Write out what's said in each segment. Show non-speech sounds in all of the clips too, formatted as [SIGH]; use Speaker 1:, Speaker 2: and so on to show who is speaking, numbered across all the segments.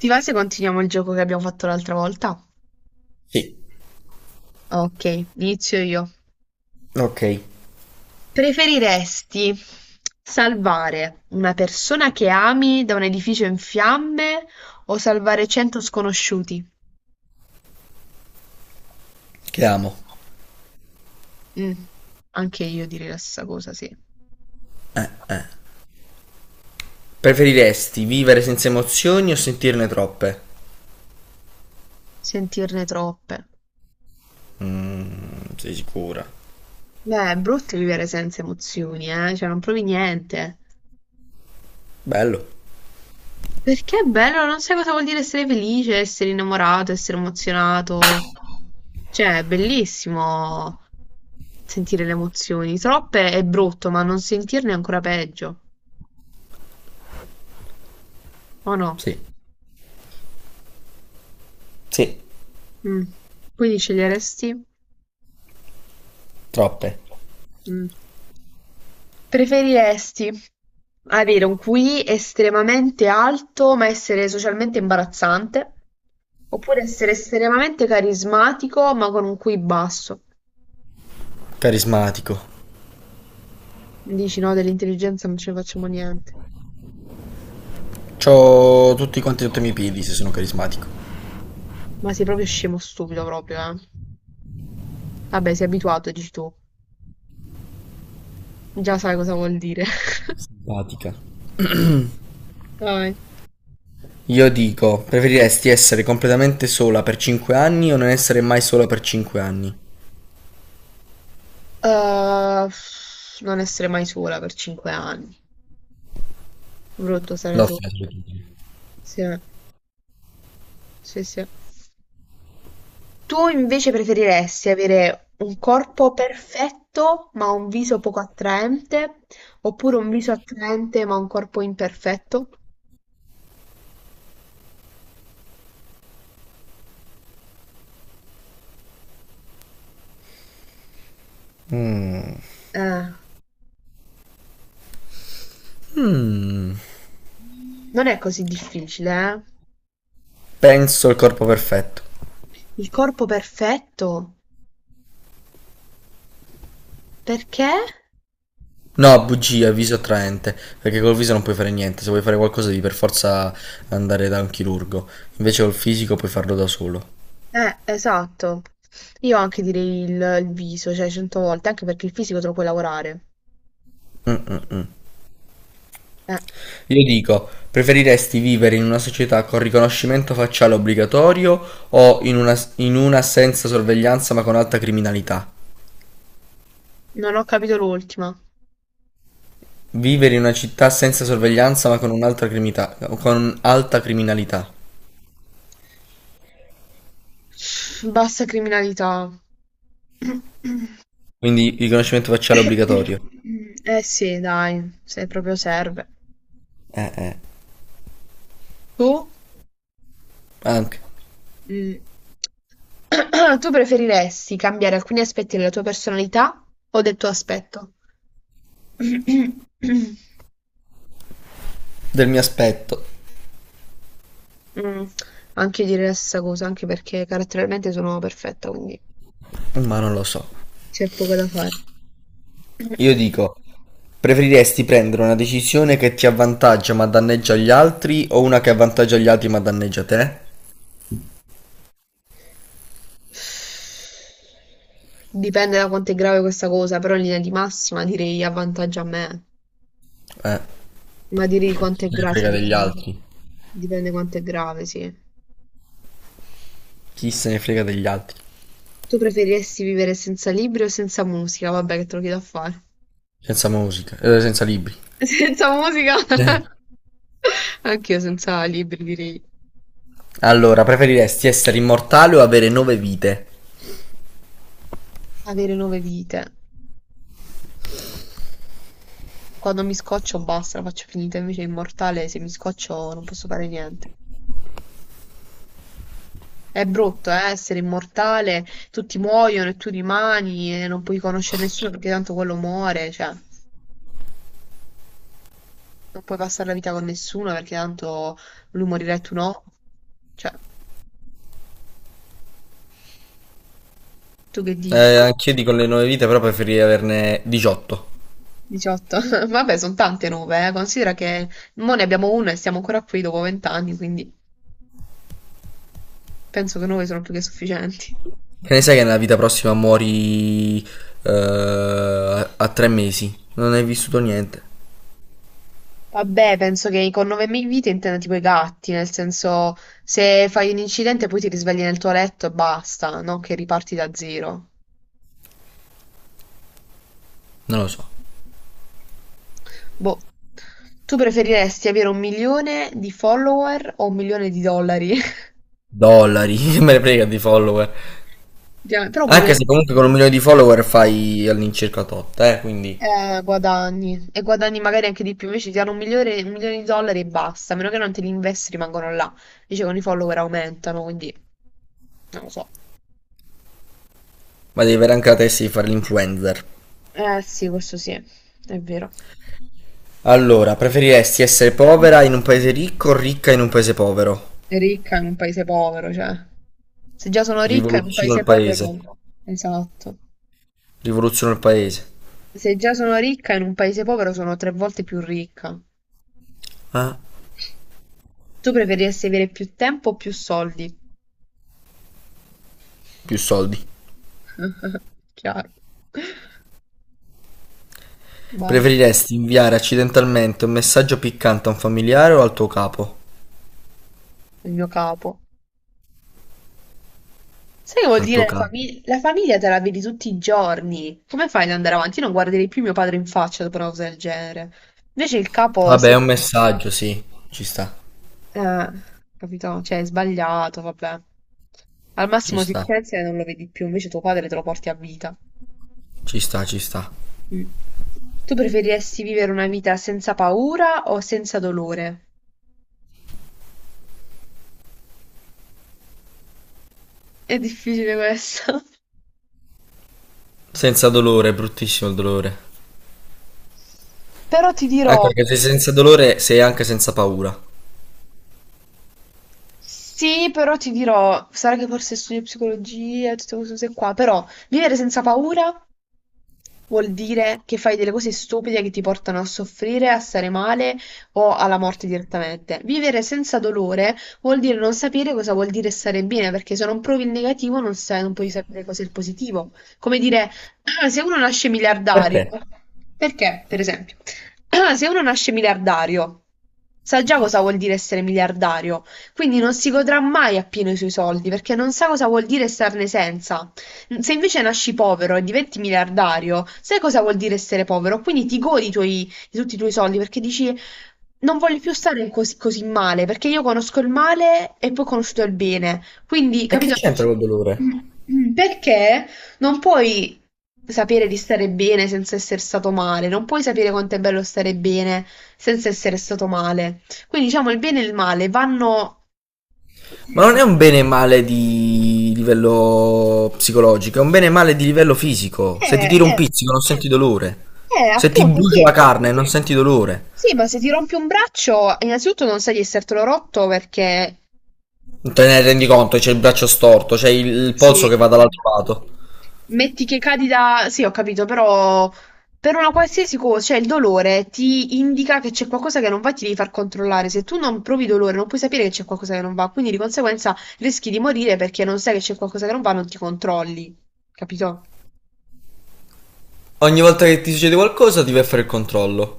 Speaker 1: Ti va se continuiamo il gioco che abbiamo fatto l'altra volta?
Speaker 2: Sì.
Speaker 1: Ok, inizio io.
Speaker 2: Ok,
Speaker 1: Preferiresti salvare una persona che ami da un edificio in fiamme o salvare 100 sconosciuti?
Speaker 2: chiamo.
Speaker 1: Mm, anche io direi la stessa cosa, sì.
Speaker 2: Preferiresti vivere senza emozioni o sentirne troppe?
Speaker 1: Sentirne troppe.
Speaker 2: Sei sicura?
Speaker 1: Beh, è brutto vivere senza emozioni, eh? Cioè, non provi niente.
Speaker 2: Bello.
Speaker 1: Perché è bello, non sai cosa vuol dire essere felice, essere innamorato, essere emozionato. Cioè, è bellissimo sentire le emozioni. Troppe è brutto, ma non sentirne è ancora peggio. O no?
Speaker 2: Sì. Sì,
Speaker 1: Mm. Quindi sceglieresti?
Speaker 2: troppe.
Speaker 1: Mm. Preferiresti avere un QI estremamente alto, ma essere socialmente imbarazzante? Oppure essere estremamente carismatico, ma con un QI basso?
Speaker 2: Carismatico.
Speaker 1: Dici no, dell'intelligenza non ce ne facciamo niente.
Speaker 2: C'ho tutti quanti sotto i miei piedi se sono carismatico.
Speaker 1: Ma sei proprio scemo stupido proprio, eh. Vabbè, sei abituato, dici tu. Già sai cosa vuol dire. [LAUGHS]
Speaker 2: Simpatica.
Speaker 1: Vai.
Speaker 2: Io dico, preferiresti essere completamente sola per 5 anni o non essere mai sola per 5 anni?
Speaker 1: Uh, non essere mai sola per 5 anni. Brutto stare
Speaker 2: L'ho
Speaker 1: sola.
Speaker 2: fatto.
Speaker 1: Sì, eh. Sì, sì. Tu invece preferiresti avere un corpo perfetto ma un viso poco attraente, oppure un viso attraente ma un corpo imperfetto?
Speaker 2: Mm,
Speaker 1: Eh, non è così difficile, eh?
Speaker 2: Penso il corpo perfetto.
Speaker 1: Il corpo perfetto, perché?
Speaker 2: No, bugia, viso attraente, perché col viso non puoi fare niente, se vuoi fare qualcosa devi per forza andare da un chirurgo, invece col fisico puoi farlo da solo.
Speaker 1: Esatto. Io anche direi il viso, cioè 100 volte, anche perché il fisico te lo puoi lavorare.
Speaker 2: Mm, mm, mm.
Speaker 1: Eh,
Speaker 2: Io dico, preferiresti vivere in una società con riconoscimento facciale obbligatorio o in una senza sorveglianza ma con alta criminalità?
Speaker 1: non ho capito l'ultima.
Speaker 2: Vivere in una città senza sorveglianza ma con un'altra criminalità, con alta criminalità.
Speaker 1: Bassa criminalità.
Speaker 2: Quindi riconoscimento facciale obbligatorio.
Speaker 1: [COUGHS] Eh sì, dai, se proprio serve.
Speaker 2: Eh, eh,
Speaker 1: Tu?
Speaker 2: Anche
Speaker 1: Mm. [COUGHS] [CLEARS THROAT] Tu preferiresti cambiare alcuni aspetti della tua personalità o del tuo aspetto? [COUGHS]
Speaker 2: del mio aspetto,
Speaker 1: Mm, anche io direi la stessa cosa, anche perché caratterialmente sono perfetta, quindi
Speaker 2: ma non lo so.
Speaker 1: c'è poco da fare.
Speaker 2: Io dico, preferiresti prendere una decisione che ti avvantaggia ma danneggia gli altri o una che avvantaggia gli altri ma danneggia te?
Speaker 1: Dipende da quanto è grave questa cosa, però in linea di massima direi avvantaggia a me.
Speaker 2: Eh,
Speaker 1: Ma direi
Speaker 2: Chi
Speaker 1: quanto
Speaker 2: se
Speaker 1: è
Speaker 2: ne
Speaker 1: grave, sì,
Speaker 2: frega degli
Speaker 1: dipende,
Speaker 2: altri.
Speaker 1: dipende quanto è grave, sì.
Speaker 2: Chi se ne frega degli altri?
Speaker 1: Tu preferiresti vivere senza libri o senza musica? Vabbè, che te lo chiedo a fare.
Speaker 2: Senza musica, senza libri.
Speaker 1: [LAUGHS] Senza musica?
Speaker 2: Eh.
Speaker 1: [LAUGHS] Anch'io senza libri direi.
Speaker 2: Allora, preferiresti essere immortale o avere nove vite?
Speaker 1: Avere 9 vite. Quando mi scoccio basta, la faccio finita, invece è immortale, se mi scoccio non posso fare niente. È brutto, essere immortale, tutti muoiono e tu rimani e non puoi conoscere nessuno perché tanto quello muore, cioè, non puoi passare la vita con nessuno perché tanto lui morirà e tu no. Cioè, tu che dici?
Speaker 2: Anch'io dico le nove vite, però preferirei averne 18.
Speaker 1: 18. [LAUGHS] Vabbè, sono tante 9, eh. Considera che mo ne abbiamo 1 e siamo ancora qui dopo 20 anni, quindi penso che 9 sono più che sufficienti.
Speaker 2: Che ne sai che nella vita prossima muori a 3 mesi? Non hai vissuto niente.
Speaker 1: Vabbè, penso che con 9000 vite intenda tipo i gatti, nel senso se fai un incidente poi ti risvegli nel tuo letto e basta, no? Che riparti da zero.
Speaker 2: Non lo so.
Speaker 1: Boh, tu preferiresti avere 1 milione di follower o 1 milione di dollari?
Speaker 2: Dollari, [LAUGHS] che me ne frega di follower.
Speaker 1: [LAUGHS] Effettivamente. Però un
Speaker 2: Anche
Speaker 1: milione
Speaker 2: se comunque con un milione di follower fai all'incirca tot, quindi...
Speaker 1: guadagni e guadagni magari anche di più. Invece ti danno 1 milione, un milione di dollari e basta. A meno che non te li investi, rimangono là. Invece con i follower aumentano, quindi non lo so.
Speaker 2: Ma devi avere anche la testa di fare l'influencer.
Speaker 1: Eh sì, questo sì, è vero.
Speaker 2: Allora, preferiresti essere povera in un paese ricco o ricca in un paese povero?
Speaker 1: È ricca in un paese povero, cioè. Se già sono ricca in un
Speaker 2: Rivoluziono il
Speaker 1: paese povero,
Speaker 2: paese.
Speaker 1: non so. Esatto.
Speaker 2: Rivoluziono il paese.
Speaker 1: Se già sono ricca in un paese povero, sono 3 volte più ricca.
Speaker 2: Eh?
Speaker 1: Tu preferiresti avere più tempo o più soldi?
Speaker 2: Più soldi.
Speaker 1: [LAUGHS] Chiaro. Vai,
Speaker 2: Preferiresti inviare accidentalmente un messaggio piccante a un familiare o al tuo capo?
Speaker 1: il mio capo. Sai che vuol
Speaker 2: Al
Speaker 1: dire
Speaker 2: tuo
Speaker 1: la
Speaker 2: capo.
Speaker 1: famiglia? La famiglia te la vedi tutti i giorni. Come fai ad andare avanti? Io non guarderei più mio padre in faccia dopo una cosa del genere. Invece il capo
Speaker 2: Vabbè, è
Speaker 1: si...
Speaker 2: un messaggio, sì. Ci sta.
Speaker 1: Eh, capito? Cioè, è sbagliato, vabbè. Al
Speaker 2: Ci
Speaker 1: massimo si
Speaker 2: sta.
Speaker 1: licenzia e non lo vedi più, invece tuo padre te lo porti a vita.
Speaker 2: Ci sta, ci sta.
Speaker 1: Mm. Tu preferiresti vivere una vita senza paura o senza dolore? È difficile questo.
Speaker 2: Senza dolore, è bruttissimo il dolore.
Speaker 1: [LAUGHS] Però ti
Speaker 2: Anche
Speaker 1: dirò...
Speaker 2: perché sei senza dolore sei anche senza paura.
Speaker 1: Sì, però ti dirò, sarà che forse studio psicologia e tutte queste cose qua, però vivere senza paura vuol dire che fai delle cose stupide che ti portano a soffrire, a stare male o alla morte direttamente. Vivere senza dolore vuol dire non sapere cosa vuol dire stare bene, perché se non provi il negativo non sai, non puoi sapere cos'è il positivo. Come dire, [CLEARS THROAT] "Ah, se uno nasce miliardario,
Speaker 2: Perché?
Speaker 1: perché, per esempio, [CLEARS THROAT] "Ah, se uno nasce miliardario, sa già cosa vuol dire essere miliardario, quindi non si godrà mai appieno i suoi soldi, perché non sa cosa vuol dire starne senza. Mm, se invece nasci povero e diventi miliardario, sai cosa vuol dire essere povero? Quindi ti godi i tuoi- di tutti i tuoi soldi perché dici non voglio più stare così, così male, perché io conosco il male e poi ho conosciuto il bene. Quindi,
Speaker 2: E che
Speaker 1: capito?
Speaker 2: c'entra col dolore?
Speaker 1: [COUGHS] Perché non puoi sapere di stare bene senza essere stato male, non puoi sapere quanto è bello stare bene senza essere stato male. Quindi, diciamo, il bene e il male vanno...
Speaker 2: Ma
Speaker 1: Eh,
Speaker 2: non è un bene e male di livello psicologico, è un bene e male di livello fisico. Se ti tiro un
Speaker 1: eh,
Speaker 2: pizzico non senti dolore. Se ti
Speaker 1: appunto,
Speaker 2: brucio la
Speaker 1: sì.
Speaker 2: carne non senti dolore.
Speaker 1: Sì, ma se ti rompi un braccio, innanzitutto non sai di essertelo rotto perché
Speaker 2: Non te ne rendi conto, c'è il braccio storto, c'è il polso
Speaker 1: sì,
Speaker 2: che
Speaker 1: sì,
Speaker 2: va
Speaker 1: sì.
Speaker 2: dall'altro lato.
Speaker 1: Metti che cadi da... Sì, ho capito, però per una qualsiasi cosa, cioè il dolore ti indica che c'è qualcosa che non va, e ti devi far controllare. Se tu non provi dolore, non puoi sapere che c'è qualcosa che non va, quindi di conseguenza rischi di morire perché non sai che c'è qualcosa che non va, non ti controlli, capito?
Speaker 2: Ogni volta che ti succede qualcosa ti vai a fare il controllo.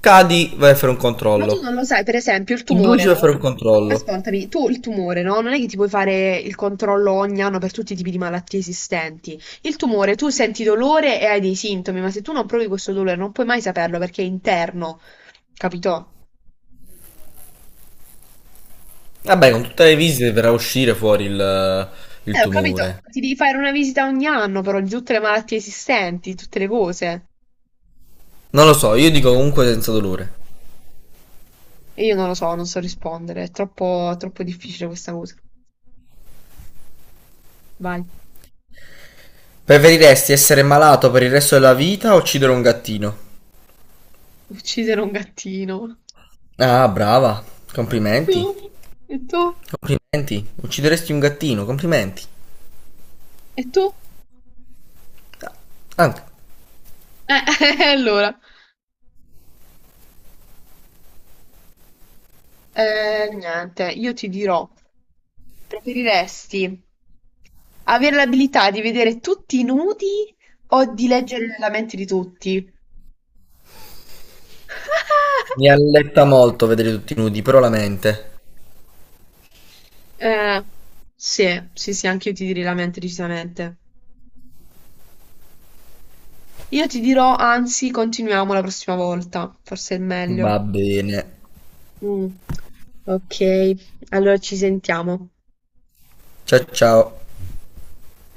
Speaker 2: Cadi, vai a fare un
Speaker 1: Ma tu
Speaker 2: controllo.
Speaker 1: non lo sai, per esempio, il
Speaker 2: Ti bruci,
Speaker 1: tumore,
Speaker 2: vai a fare
Speaker 1: no?
Speaker 2: un controllo.
Speaker 1: Ascoltami, tu il tumore, no? Non è che ti puoi fare il controllo ogni anno per tutti i tipi di malattie esistenti. Il tumore, tu senti dolore e hai dei sintomi, ma se tu non provi questo dolore non puoi mai saperlo perché è interno, capito?
Speaker 2: Vabbè, con tutte le visite verrà a uscire fuori il
Speaker 1: Ho capito.
Speaker 2: tumore.
Speaker 1: Ti devi fare una visita ogni anno, però, di tutte le malattie esistenti, di tutte le cose.
Speaker 2: Non lo so, io dico comunque senza dolore.
Speaker 1: E io non lo so, non so rispondere. È troppo, troppo difficile questa cosa. Vai,
Speaker 2: Preferiresti essere malato per il resto della vita o uccidere un gattino?
Speaker 1: uccidere un gattino.
Speaker 2: Ah, brava.
Speaker 1: Tu?
Speaker 2: Complimenti.
Speaker 1: E tu?
Speaker 2: Complimenti. Uccideresti un gattino, complimenti.
Speaker 1: E tu?
Speaker 2: Anche.
Speaker 1: Eh, [LAUGHS] allora. Niente, io ti dirò, preferiresti avere l'abilità di vedere tutti i nudi o di leggere la mente di tutti?
Speaker 2: Mi alletta
Speaker 1: [LAUGHS]
Speaker 2: molto vedere tutti nudi, però la mente.
Speaker 1: Eh, sì, sì, sì, anche io ti direi la mente decisamente. Io ti dirò, anzi, continuiamo la prossima volta, forse è meglio.
Speaker 2: Va bene.
Speaker 1: Mm, ok, allora ci sentiamo.
Speaker 2: Ciao ciao.